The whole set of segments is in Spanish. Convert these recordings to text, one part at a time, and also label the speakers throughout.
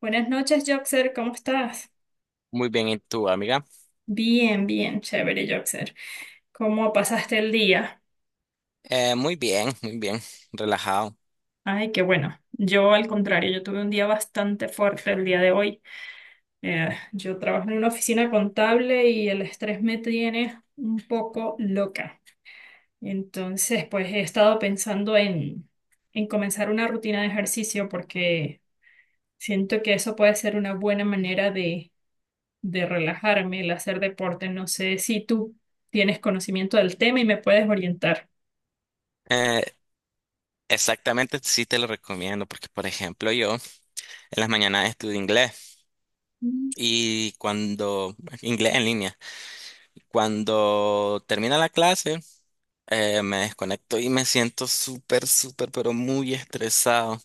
Speaker 1: Buenas noches, Joxer, ¿cómo estás?
Speaker 2: Muy bien, ¿y tú, amiga?
Speaker 1: Bien, bien, chévere, Joxer. ¿Cómo pasaste el día?
Speaker 2: Muy bien, muy bien, relajado.
Speaker 1: Ay, qué bueno. Yo, al contrario, yo tuve un día bastante fuerte el día de hoy. Yo trabajo en una oficina contable y el estrés me tiene un poco loca. Entonces, pues he estado pensando en comenzar una rutina de ejercicio porque siento que eso puede ser una buena manera de relajarme, el hacer deporte. No sé si tú tienes conocimiento del tema y me puedes orientar.
Speaker 2: Eh, Exactamente, sí te lo recomiendo porque, por ejemplo, yo en las mañanas estudio inglés
Speaker 1: Mm.
Speaker 2: y inglés en línea, cuando termina la clase, me desconecto y me siento súper, súper, pero muy estresado.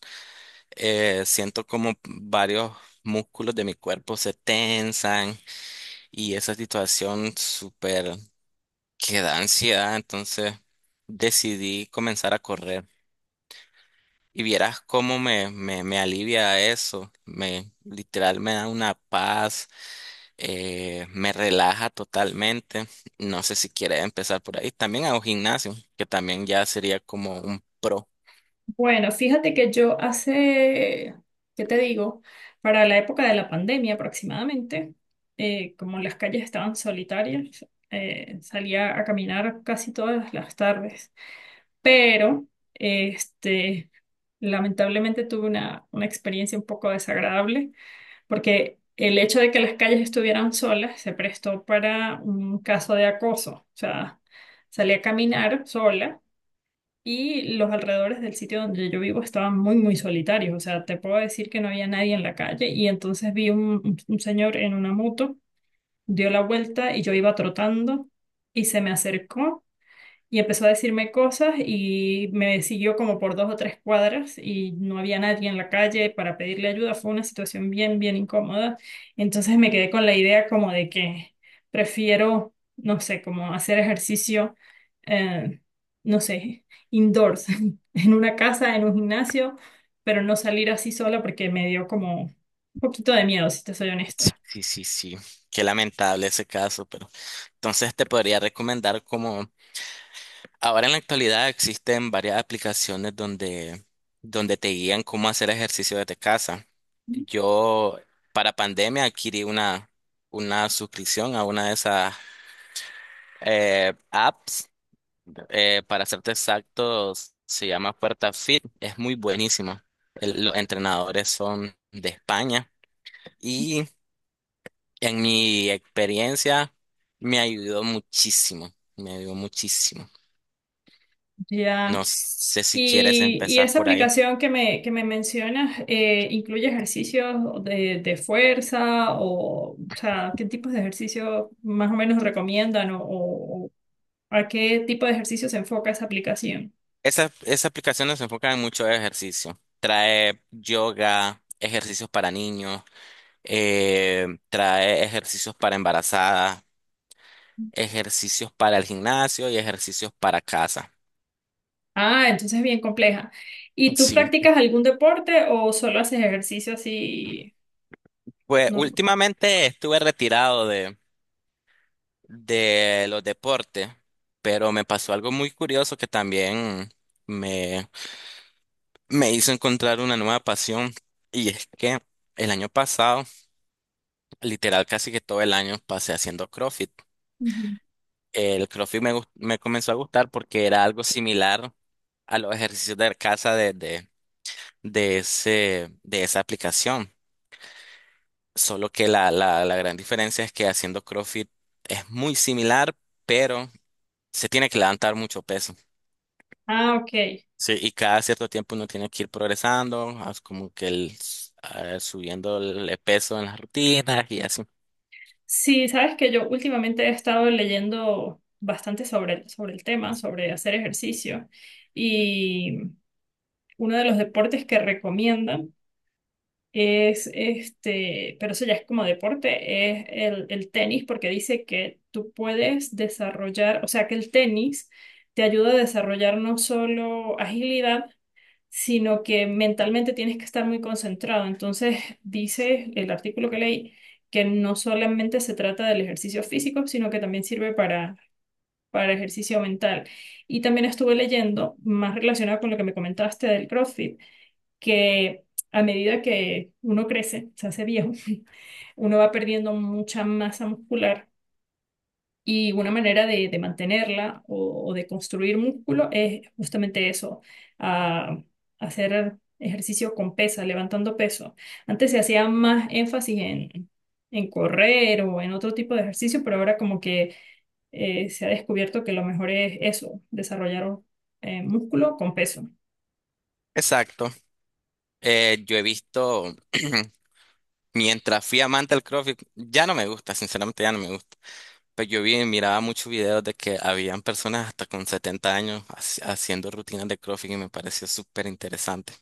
Speaker 2: Siento como varios músculos de mi cuerpo se tensan y esa situación súper que da ansiedad, entonces decidí comenzar a correr. Y vieras cómo me alivia eso, me literal me da una paz, me relaja totalmente. No sé si quieres empezar por ahí. También hago gimnasio, que también ya sería como un pro.
Speaker 1: Bueno, fíjate que yo hace, ¿qué te digo? Para la época de la pandemia aproximadamente, como las calles estaban solitarias, salía a caminar casi todas las tardes. Pero, este, lamentablemente tuve una experiencia un poco desagradable porque el hecho de que las calles estuvieran solas se prestó para un caso de acoso. O sea, salí a caminar sola y los alrededores del sitio donde yo vivo estaban muy, muy solitarios. O sea, te puedo decir que no había nadie en la calle y entonces vi un señor en una moto, dio la vuelta y yo iba trotando y se me acercó y empezó a decirme cosas y me siguió como por 2 o 3 cuadras y no había nadie en la calle para pedirle ayuda. Fue una situación bien, bien incómoda. Entonces me quedé con la idea como de que prefiero, no sé, como hacer ejercicio, eh, no sé, indoors, en una casa, en un gimnasio, pero no salir así sola porque me dio como un poquito de miedo, si te soy
Speaker 2: Sí,
Speaker 1: honesta.
Speaker 2: sí, sí, sí. Qué lamentable ese caso, pero entonces te podría recomendar como ahora en la actualidad existen varias aplicaciones donde te guían cómo hacer ejercicio desde casa. Yo para pandemia adquirí una suscripción a una de esas apps. Para serte exactos, se llama Puerta Fit. Es muy buenísima. Los entrenadores son de España y en mi experiencia me ayudó muchísimo. Me ayudó muchísimo. No
Speaker 1: Ya.
Speaker 2: sé si quieres
Speaker 1: Y
Speaker 2: empezar
Speaker 1: esa
Speaker 2: por ahí.
Speaker 1: aplicación que me mencionas, ¿incluye ejercicios de fuerza o sea, qué tipos de ejercicios más o menos recomiendan o a qué tipo de ejercicio se enfoca esa aplicación?
Speaker 2: Esa aplicación nos enfoca en mucho ejercicio. Trae yoga, ejercicios para niños, trae ejercicios para embarazadas, ejercicios para el gimnasio y ejercicios para casa.
Speaker 1: Ah, entonces es bien compleja. ¿Y tú
Speaker 2: Sí,
Speaker 1: practicas algún deporte o solo haces ejercicio así
Speaker 2: pues
Speaker 1: normal?
Speaker 2: últimamente estuve retirado de los deportes, pero me pasó algo muy curioso que también me, me hizo encontrar una nueva pasión y es que el año pasado, literal casi que todo el año pasé haciendo CrossFit.
Speaker 1: Ujú.
Speaker 2: El CrossFit me comenzó a gustar porque era algo similar a los ejercicios de casa de ese, de esa aplicación. Solo que la gran diferencia es que haciendo CrossFit es muy similar, pero se tiene que levantar mucho peso.
Speaker 1: Ah, ok.
Speaker 2: Sí, y cada cierto tiempo uno tiene que ir progresando, as- como que el, s- ah, subiendo el peso en las rutinas y así.
Speaker 1: Sí, sabes que yo últimamente he estado leyendo bastante sobre el tema, sobre hacer ejercicio. Uno de los deportes que recomiendan es este, pero eso ya es como deporte, es el tenis, porque dice que tú puedes desarrollar, o sea, que el tenis te ayuda a desarrollar no solo agilidad, sino que mentalmente tienes que estar muy concentrado. Entonces, dice el artículo que leí que no solamente se trata del ejercicio físico, sino que también sirve para ejercicio mental. Y también estuve leyendo, más relacionado con lo que me comentaste del CrossFit que a medida que uno crece, se hace viejo, uno va perdiendo mucha masa muscular y una manera de mantenerla o de construir músculo es justamente eso, ah, hacer ejercicio con pesa, levantando peso. Antes se hacía más énfasis en correr o en otro tipo de ejercicio, pero ahora como que se ha descubierto que lo mejor es eso, desarrollar músculo con peso.
Speaker 2: Exacto. Yo he visto, mientras fui amante del CrossFit, ya no me gusta, sinceramente ya no me gusta. Pues yo vi, miraba muchos videos de que habían personas hasta con 70 años haciendo rutinas de CrossFit y me pareció súper interesante.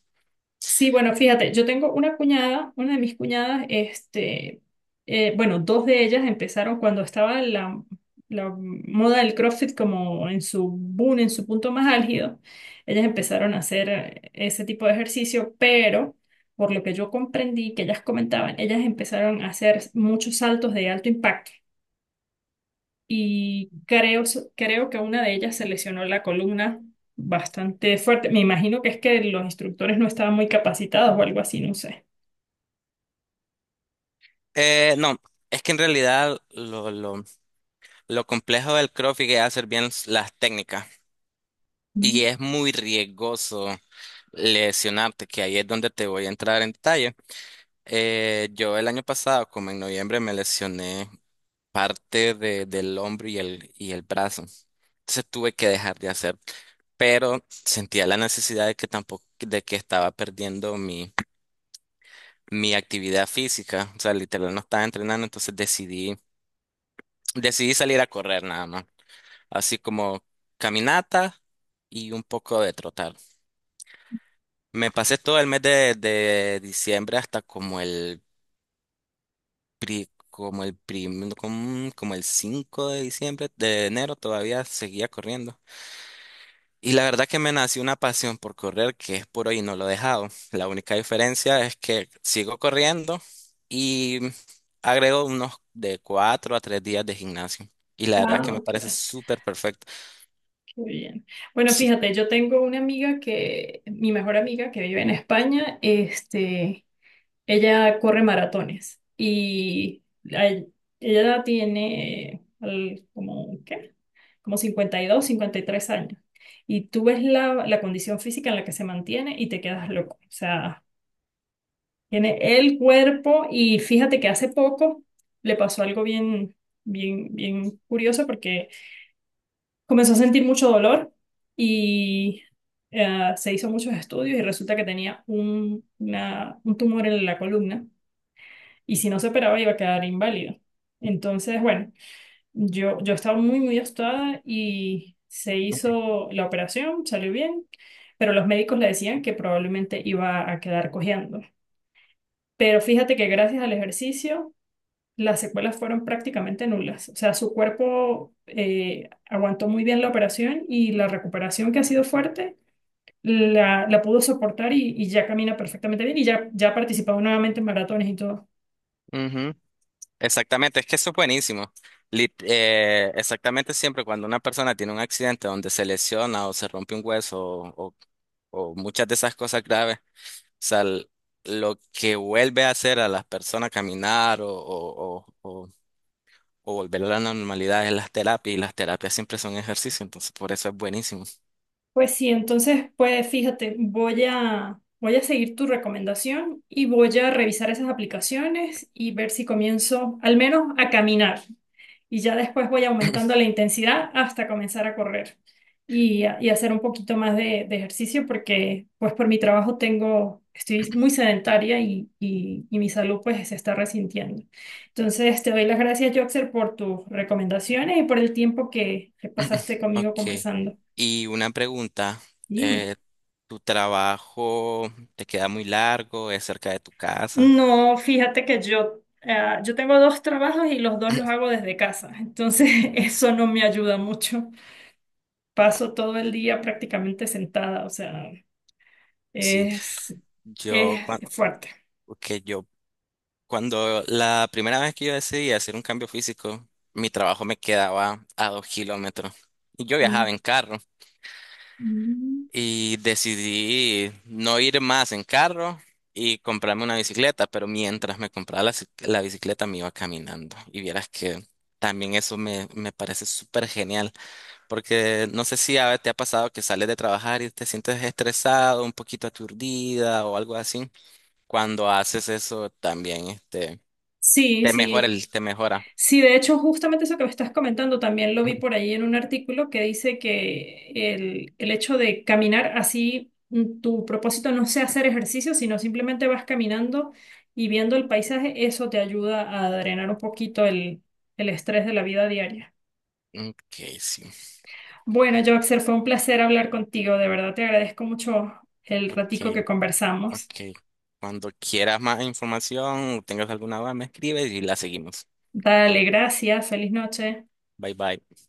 Speaker 1: Sí, bueno, fíjate, yo tengo una cuñada, una de mis cuñadas, este, bueno, dos de ellas empezaron cuando estaba la moda del CrossFit como en su boom, en su punto más álgido. Ellas empezaron a hacer ese tipo de ejercicio, pero por lo que yo comprendí que ellas comentaban, ellas empezaron a hacer muchos saltos de alto impacto y creo que una de ellas se lesionó la columna bastante fuerte. Me imagino que es que los instructores no estaban muy capacitados o algo así, no sé.
Speaker 2: No, es que en realidad lo complejo del CrossFit es hacer bien las técnicas
Speaker 1: Mm.
Speaker 2: y es muy riesgoso lesionarte, que ahí es donde te voy a entrar en detalle. Yo el año pasado, como en noviembre, me lesioné parte del hombro y y el brazo. Entonces tuve que dejar de hacer pero sentía la necesidad de que tampoco, de que estaba perdiendo mi actividad física, o sea, literal no estaba entrenando, entonces decidí salir a correr nada más, así como caminata y un poco de trotar. Me pasé todo el mes de diciembre hasta como el pri- como el prim- como, como el 5 de de enero todavía seguía corriendo. Y la verdad que me nació una pasión por correr que es por hoy y no lo he dejado. La única diferencia es que sigo corriendo y agrego unos de cuatro a tres días de gimnasio. Y la verdad que
Speaker 1: Ah,
Speaker 2: me
Speaker 1: ok,
Speaker 2: parece súper perfecto.
Speaker 1: qué bien. Bueno,
Speaker 2: Sí.
Speaker 1: fíjate, yo tengo una amiga que, mi mejor amiga que vive en España, este, ella corre maratones y ay- ella tiene como, ¿qué? Como 50 52 53 años. Y tú ves la, la condición física en la que se mantiene y te quedas loco. O sea, tiene el cuerpo y fíjate que hace poco le pasó algo bien, bien, bien curioso porque comenzó a sentir mucho dolor y se hizo muchos estudios y resulta que tenía un tumor en la columna y si no se operaba iba a quedar inválido. Entonces, bueno, yo estaba muy, muy asustada y se hizo la operación, salió bien, pero los médicos le decían que probablemente iba a quedar cojeando. Pero fíjate que gracias al ejercicio, las secuelas fueron prácticamente nulas. O sea, su cuerpo aguantó muy bien la operación y la recuperación que ha sido fuerte. La pudo soportar y ya camina perfectamente bien y ya ha participado nuevamente en maratones y todo.
Speaker 2: Ujú. Exactamente, es que eso es buenísimo. Exactamente, siempre cuando una persona tiene un accidente donde se lesiona o se rompe un hueso o muchas de esas cosas graves, sea, l- lo que vuelve a hacer a las personas caminar o volver a la normalidad es las terapias, y las terapias siempre son ejercicio, entonces por eso es buenísimo.
Speaker 1: Pues sí, entonces, pues fíjate, voy a, voy a seguir tu recomendación y voy a revisar esas aplicaciones y ver si comienzo al menos a caminar. Y ya después voy aumentando la intensidad hasta comenzar a correr y, y hacer un poquito más de ejercicio porque pues por mi trabajo tengo, estoy muy sedentaria y, y mi salud pues se está resintiendo. Entonces, te doy las gracias, Joxer, por tus recomendaciones y por el tiempo que pasaste conmigo
Speaker 2: Ok.
Speaker 1: conversando.
Speaker 2: Y una pregunta,
Speaker 1: Dime.
Speaker 2: eh, ¿tu trabajo te queda muy largo? ¿Es cerca de tu casa?
Speaker 1: No, fíjate que yo tengo dos trabajos y los dos los hago desde casa, entonces eso no me ayuda mucho. Paso todo el día prácticamente sentada, o sea,
Speaker 2: Sí,
Speaker 1: es,
Speaker 2: yo
Speaker 1: es
Speaker 2: cuando,
Speaker 1: fuerte.
Speaker 2: yo cuando la primera vez que yo decidí hacer un cambio físico, mi trabajo me quedaba a 2 kilómetros y yo
Speaker 1: Mm,
Speaker 2: viajaba en carro.
Speaker 1: mm.
Speaker 2: Y decidí no ir más en carro y comprarme una bicicleta, pero mientras me compraba la bicicleta me iba caminando. Y vieras que también me parece súper genial, porque no sé si a te ha pasado que sales de trabajar y te sientes estresado, un poquito aturdida o algo así. Cuando haces eso también, este,
Speaker 1: Sí, sí.
Speaker 2: te mejora.
Speaker 1: Sí, de hecho, justamente eso que me estás comentando también lo vi por ahí en un artículo que dice que el hecho de caminar así, tu propósito no sea hacer ejercicio, sino simplemente vas caminando y viendo el paisaje, eso te ayuda a drenar un poquito el estrés de la vida diaria.
Speaker 2: Ok, sí.
Speaker 1: Bueno, Joxer, fue un placer hablar contigo, de verdad te agradezco mucho el
Speaker 2: Ok,
Speaker 1: ratico que conversamos.
Speaker 2: ok. Cuando quieras más información o tengas alguna duda, me escribes y la seguimos.
Speaker 1: Dale, gracias, feliz noche.
Speaker 2: Bye bye.